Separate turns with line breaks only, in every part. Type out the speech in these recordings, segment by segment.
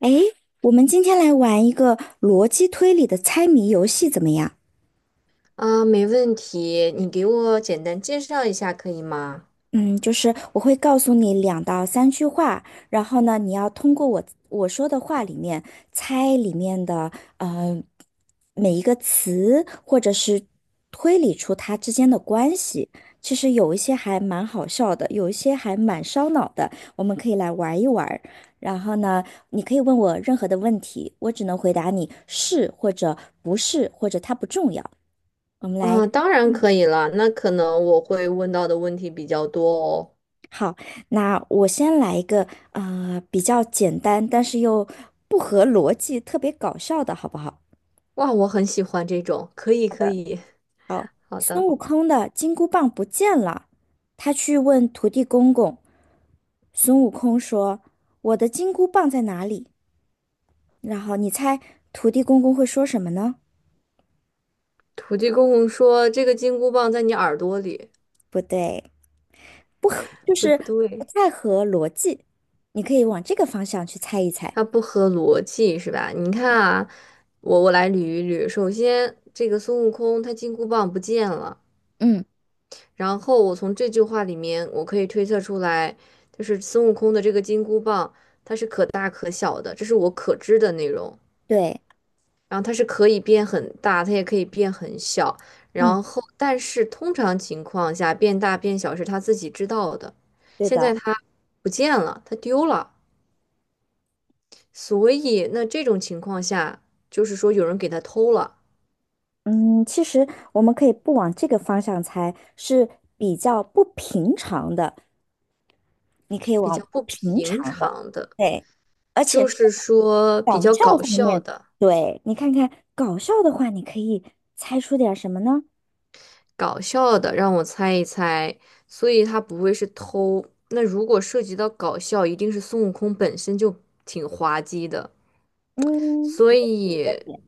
哎，我们今天来玩一个逻辑推理的猜谜游戏，怎么样？
啊，没问题，你给我简单介绍一下可以吗？
嗯，就是我会告诉你两到三句话，然后呢，你要通过我说的话里面猜里面的每一个词，或者是推理出它之间的关系。其实有一些还蛮好笑的，有一些还蛮烧脑的，我们可以来玩一玩儿。然后呢，你可以问我任何的问题，我只能回答你是或者不是，或者它不重要。我们来
啊，当然可以了，那可能我会问到的问题比较多哦。
好，那我先来一个比较简单，但是又不合逻辑、特别搞笑的，好不好？
哇，我很喜欢这种，可以可以，好的。
孙悟空的金箍棒不见了，他去问土地公公。孙悟空说："我的金箍棒在哪里？"然后你猜土地公公会说什么呢？
土地公公说这个金箍棒在你耳朵里，
不对，不合，就
不
是不
对，
太合逻辑。你可以往这个方向去猜一猜。
它不合逻辑是吧？你看啊，我来捋一捋，首先这个孙悟空他金箍棒不见了。
嗯，
然后我从这句话里面，我可以推测出来，就是孙悟空的这个金箍棒，它是可大可小的，这是我可知的内容。
对，
然后它是可以变很大，它也可以变很小。
嗯，
然后，但是通常情况下，变大变小是他自己知道的。
对
现在
的。
他不见了，他丢了，所以那这种情况下，就是说有人给他偷了，
嗯，其实我们可以不往这个方向猜，是比较不平常的。你可以
比
往
较
不
不
平
平
常的，
常的，
对，而且
就
是
是说比
搞
较
笑
搞
方
笑
面，
的。
对，你看看搞笑的话，你可以猜出点什么呢？
搞笑的，让我猜一猜，所以他不会是偷。那如果涉及到搞笑，一定是孙悟空本身就挺滑稽的，
嗯，
所
也是一个
以
点。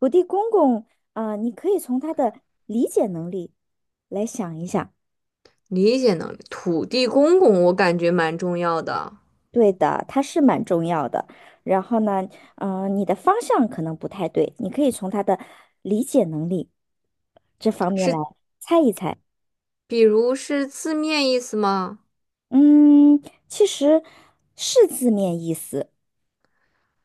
土地公公，啊、你可以从他的理解能力来想一想。
理解能力，土地公公我感觉蛮重要的，
对的，他是蛮重要的。然后呢，你的方向可能不太对，你可以从他的理解能力这方面来
是
猜一猜。
比如是字面意思吗？
嗯，其实是字面意思。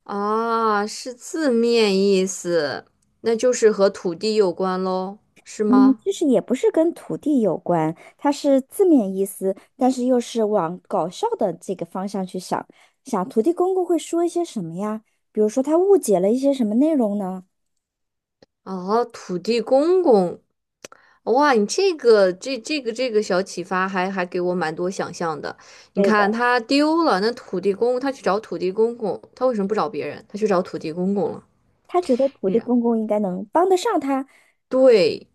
啊，是字面意思，那就是和土地有关喽，是
嗯，
吗？
其实也不是跟土地有关，它是字面意思，但是又是往搞笑的这个方向去想。想土地公公会说一些什么呀？比如说他误解了一些什么内容呢？
哦，土地公公，哇，你这个这个小启发还给我蛮多想象的。你
对的，
看他丢了，那土地公他去找土地公公，他为什么不找别人？他去找土地公公了。
他觉得土
是
地
啊，
公公应该能帮得上他。
对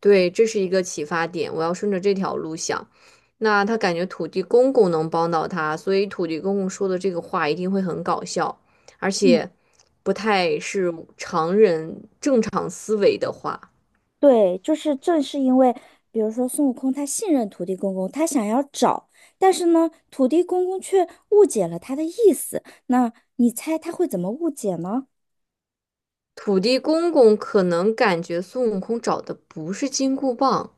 对，这是一个启发点，我要顺着这条路想。那他感觉土地公公能帮到他，所以土地公公说的这个话一定会很搞笑，而
嗯。
且不太是常人正常思维的话。
对，就是正是因为，比如说孙悟空他信任土地公公，他想要找，但是呢，土地公公却误解了他的意思。那你猜他会怎么误解呢？
土地公公可能感觉孙悟空找的不是金箍棒，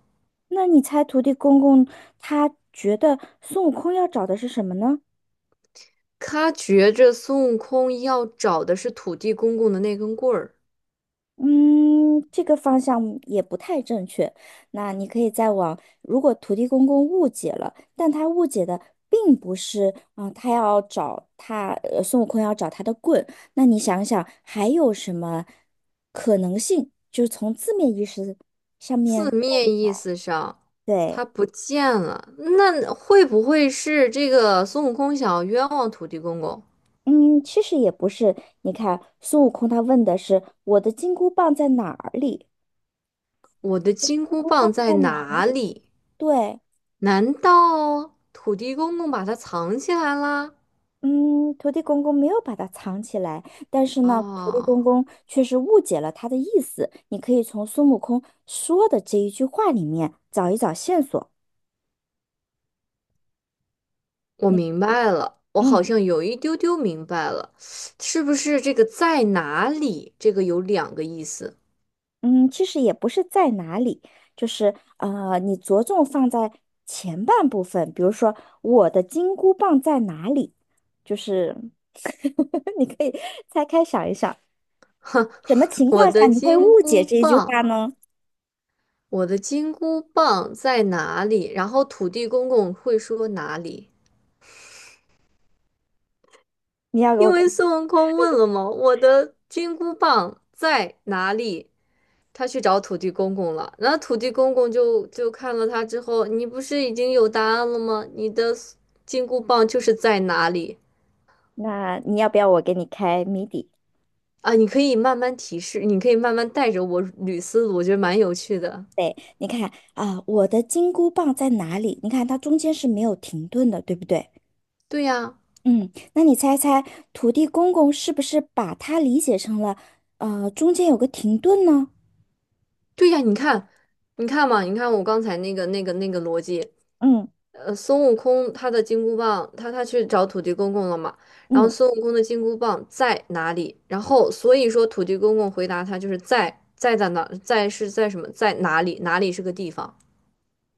那你猜土地公公他觉得孙悟空要找的是什么呢？
他觉着孙悟空要找的是土地公公的那根棍儿。
嗯，这个方向也不太正确。那你可以再往，如果土地公公误解了，但他误解的并不是啊、他要找他，孙悟空要找他的棍。那你想想，还有什么可能性？就是从字面意思上
字
面看一
面意
看，
思上，
对。
他不见了，那会不会是这个孙悟空想要冤枉土地公公？
嗯，其实也不是。你看，孙悟空他问的是我的金箍棒在哪里？
我的
金
金箍
箍棒
棒在
在哪
哪
里？
里？
对，
难道土地公公把它藏起来啦？
嗯，土地公公没有把它藏起来，但是呢，土地
啊、
公公却是误解了他的意思。你可以从孙悟空说的这一句话里面找一找线索。
我
你，
明白了，我好
嗯
像有一丢丢明白了，是不是这个在哪里？这个有两个意思。
嗯，其实也不是在哪里，就是你着重放在前半部分，比如说我的金箍棒在哪里，就是 你可以拆开想一想，
哼，
什么情
我
况下
的
你会误
金
解
箍
这一句话
棒，
呢？
我的金箍棒在哪里？然后土地公公会说哪里？
你要给
因
我，
为孙悟空问了嘛，我的金箍棒在哪里？他去找土地公公了，然后土地公公就看了他之后，你不是已经有答案了吗？你的金箍棒就是在哪里？
那你要不要我给你开谜底？
啊，你可以慢慢提示，你可以慢慢带着我捋思路，我觉得蛮有趣的。
对，你看啊，我的金箍棒在哪里？你看它中间是没有停顿的，对不对？
对呀，
嗯，那你猜猜，土地公公是不是把它理解成了，中间有个停顿呢？
对呀，你看，你看嘛，你看我刚才那个逻辑，
嗯
孙悟空他的金箍棒，他去找土地公公了嘛，然后
嗯，
孙悟空的金箍棒在哪里？然后所以说土地公公回答他就是在在在哪在是在什么在哪里哪里是个地方，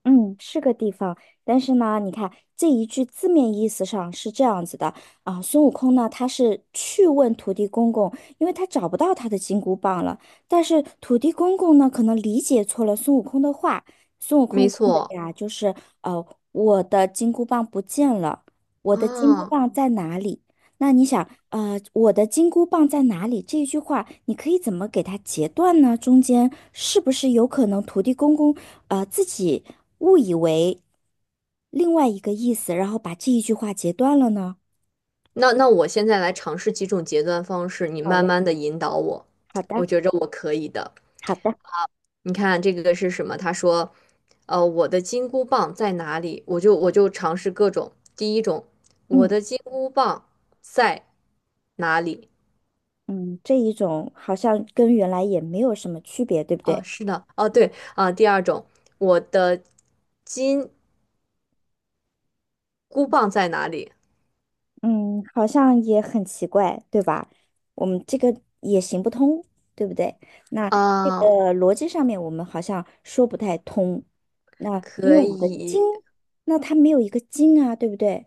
嗯，是个地方，但是呢，你看这一句字面意思上是这样子的啊，孙悟空呢，他是去问土地公公，因为他找不到他的金箍棒了。但是土地公公呢，可能理解错了孙悟空的话，孙悟
没
空问的
错
呀，就是呃，我的金箍棒不见了，我的金箍
啊。
棒在哪里？那你想，我的金箍棒在哪里？这一句话，你可以怎么给它截断呢？中间是不是有可能土地公公？自己误以为另外一个意思，然后把这一句话截断了呢？
那那我现在来尝试几种截断方式，你
好
慢
嘞，
慢的引导我，
好
我
的，
觉着我可以的。
好的，
你看这个是什么？他说，我的金箍棒在哪里？我就尝试各种。第一种，我
嗯
的金箍棒在哪里？
嗯，这一种好像跟原来也没有什么区别，对不
啊，
对？
是的，哦，对啊。第二种，我的金箍棒在哪里？
嗯，好像也很奇怪，对吧？我们这个也行不通，对不对？那这
啊，
个逻辑上面我们好像说不太通。那因为
可
我们的经，
以，
那它没有一个经啊，对不对？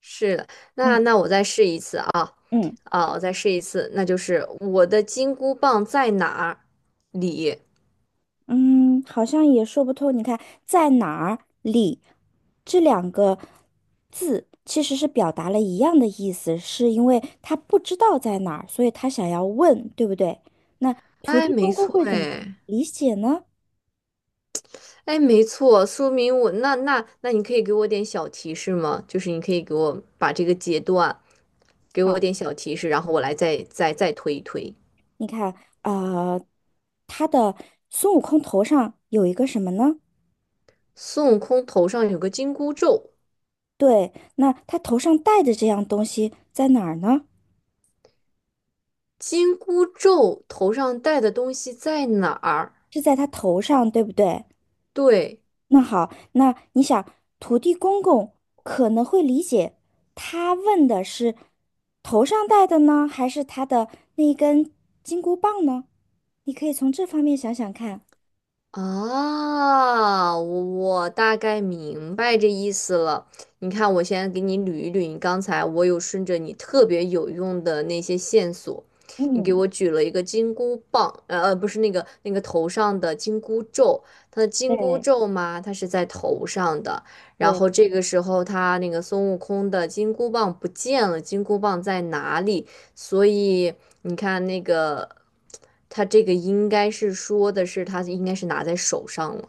是的。那
嗯
那我再试一次啊，
嗯。
啊，我再试一次，那就是我的金箍棒在哪里？
嗯，好像也说不通。你看，在哪儿里这两个字其实是表达了一样的意思，是因为他不知道在哪儿，所以他想要问，对不对？那土
哎，
地
没
公公
错，
会怎么
哎。
理解呢？
哎，没错，说明我那你可以给我点小提示吗？就是你可以给我把这个阶段给我
好，
点小提示，然后我来再推一推。
你看，呃，他的孙悟空头上有一个什么呢？
孙悟空头上有个金箍咒，
对，那他头上戴的这样东西在哪儿呢？
金箍咒头上戴的东西在哪儿？
是在他头上，对不对？
对，
那好，那你想，土地公公可能会理解，他问的是头上戴的呢，还是他的那根金箍棒呢？你可以从这方面想想看。
啊，我大概明白这意思了。你看，我先给你捋一捋，你刚才我有顺着你特别有用的那些线索，你给
嗯，
我举了一个金箍棒，不是那个头上的金箍咒，它的金箍
对
咒嘛，它是在头上的。然
对，
后这个时候，他那个孙悟空的金箍棒不见了，金箍棒在哪里？所以你看那个，他这个应该是说的是他应该是拿在手上了。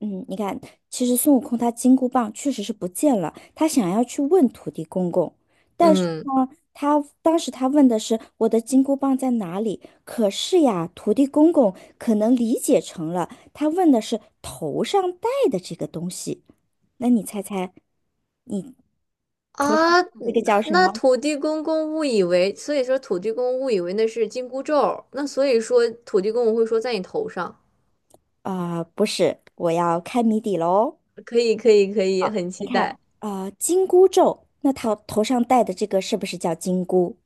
嗯，你看，其实孙悟空他金箍棒确实是不见了，他想要去问土地公公，但是
嗯
呢，他当时他问的是我的金箍棒在哪里？可是呀，土地公公可能理解成了他问的是头上戴的这个东西。那你猜猜，你
啊，
这个叫什
那
么？
土地公公误以为，所以说土地公误以为那是紧箍咒，那所以说土地公我会说在你头上，
啊、不是，我要开谜底喽。
可以可以可以，很
你
期
看，
待。
啊、金箍咒，那他头上戴的这个是不是叫金箍？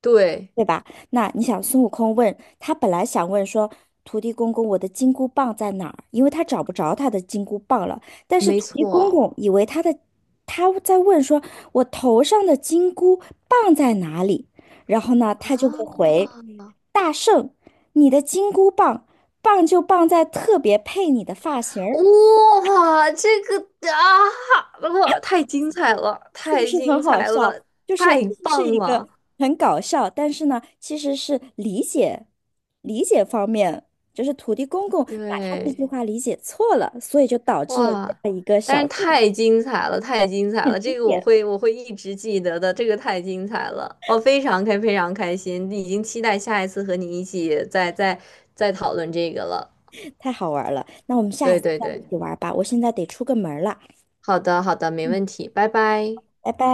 对，
对吧？那你想，孙悟空问他本来想问说，土地公公，我的金箍棒在哪儿？因为他找不着他的金箍棒了。但是
没
土地公
错。
公以为他在问说，我头上的金箍棒在哪里？然后呢，他就会
啊，
回大圣，你的金箍棒棒就棒在特别配你的发型儿。
这个啊，哇，太精彩了，
是不
太
是
精
很好
彩了，
笑？就是其
太
实是
棒
一
了！
个很搞笑，但是呢，其实是理解方面，就是土地公公把他这句
对。
话理解错了，所以就导致了这
哇，
样一个
但
小
是
故
太精彩了，太精彩了！这个我
事，
会，我会一直记得的。这个太精彩了，我非常开，非常开心，已经期待下一次和你一起再讨论这个了。
太好玩了。那我们下一
对
次
对
再
对，
一起玩吧，我现在得出个门儿了，
好的好的，没
嗯，
问题，拜拜。
拜拜。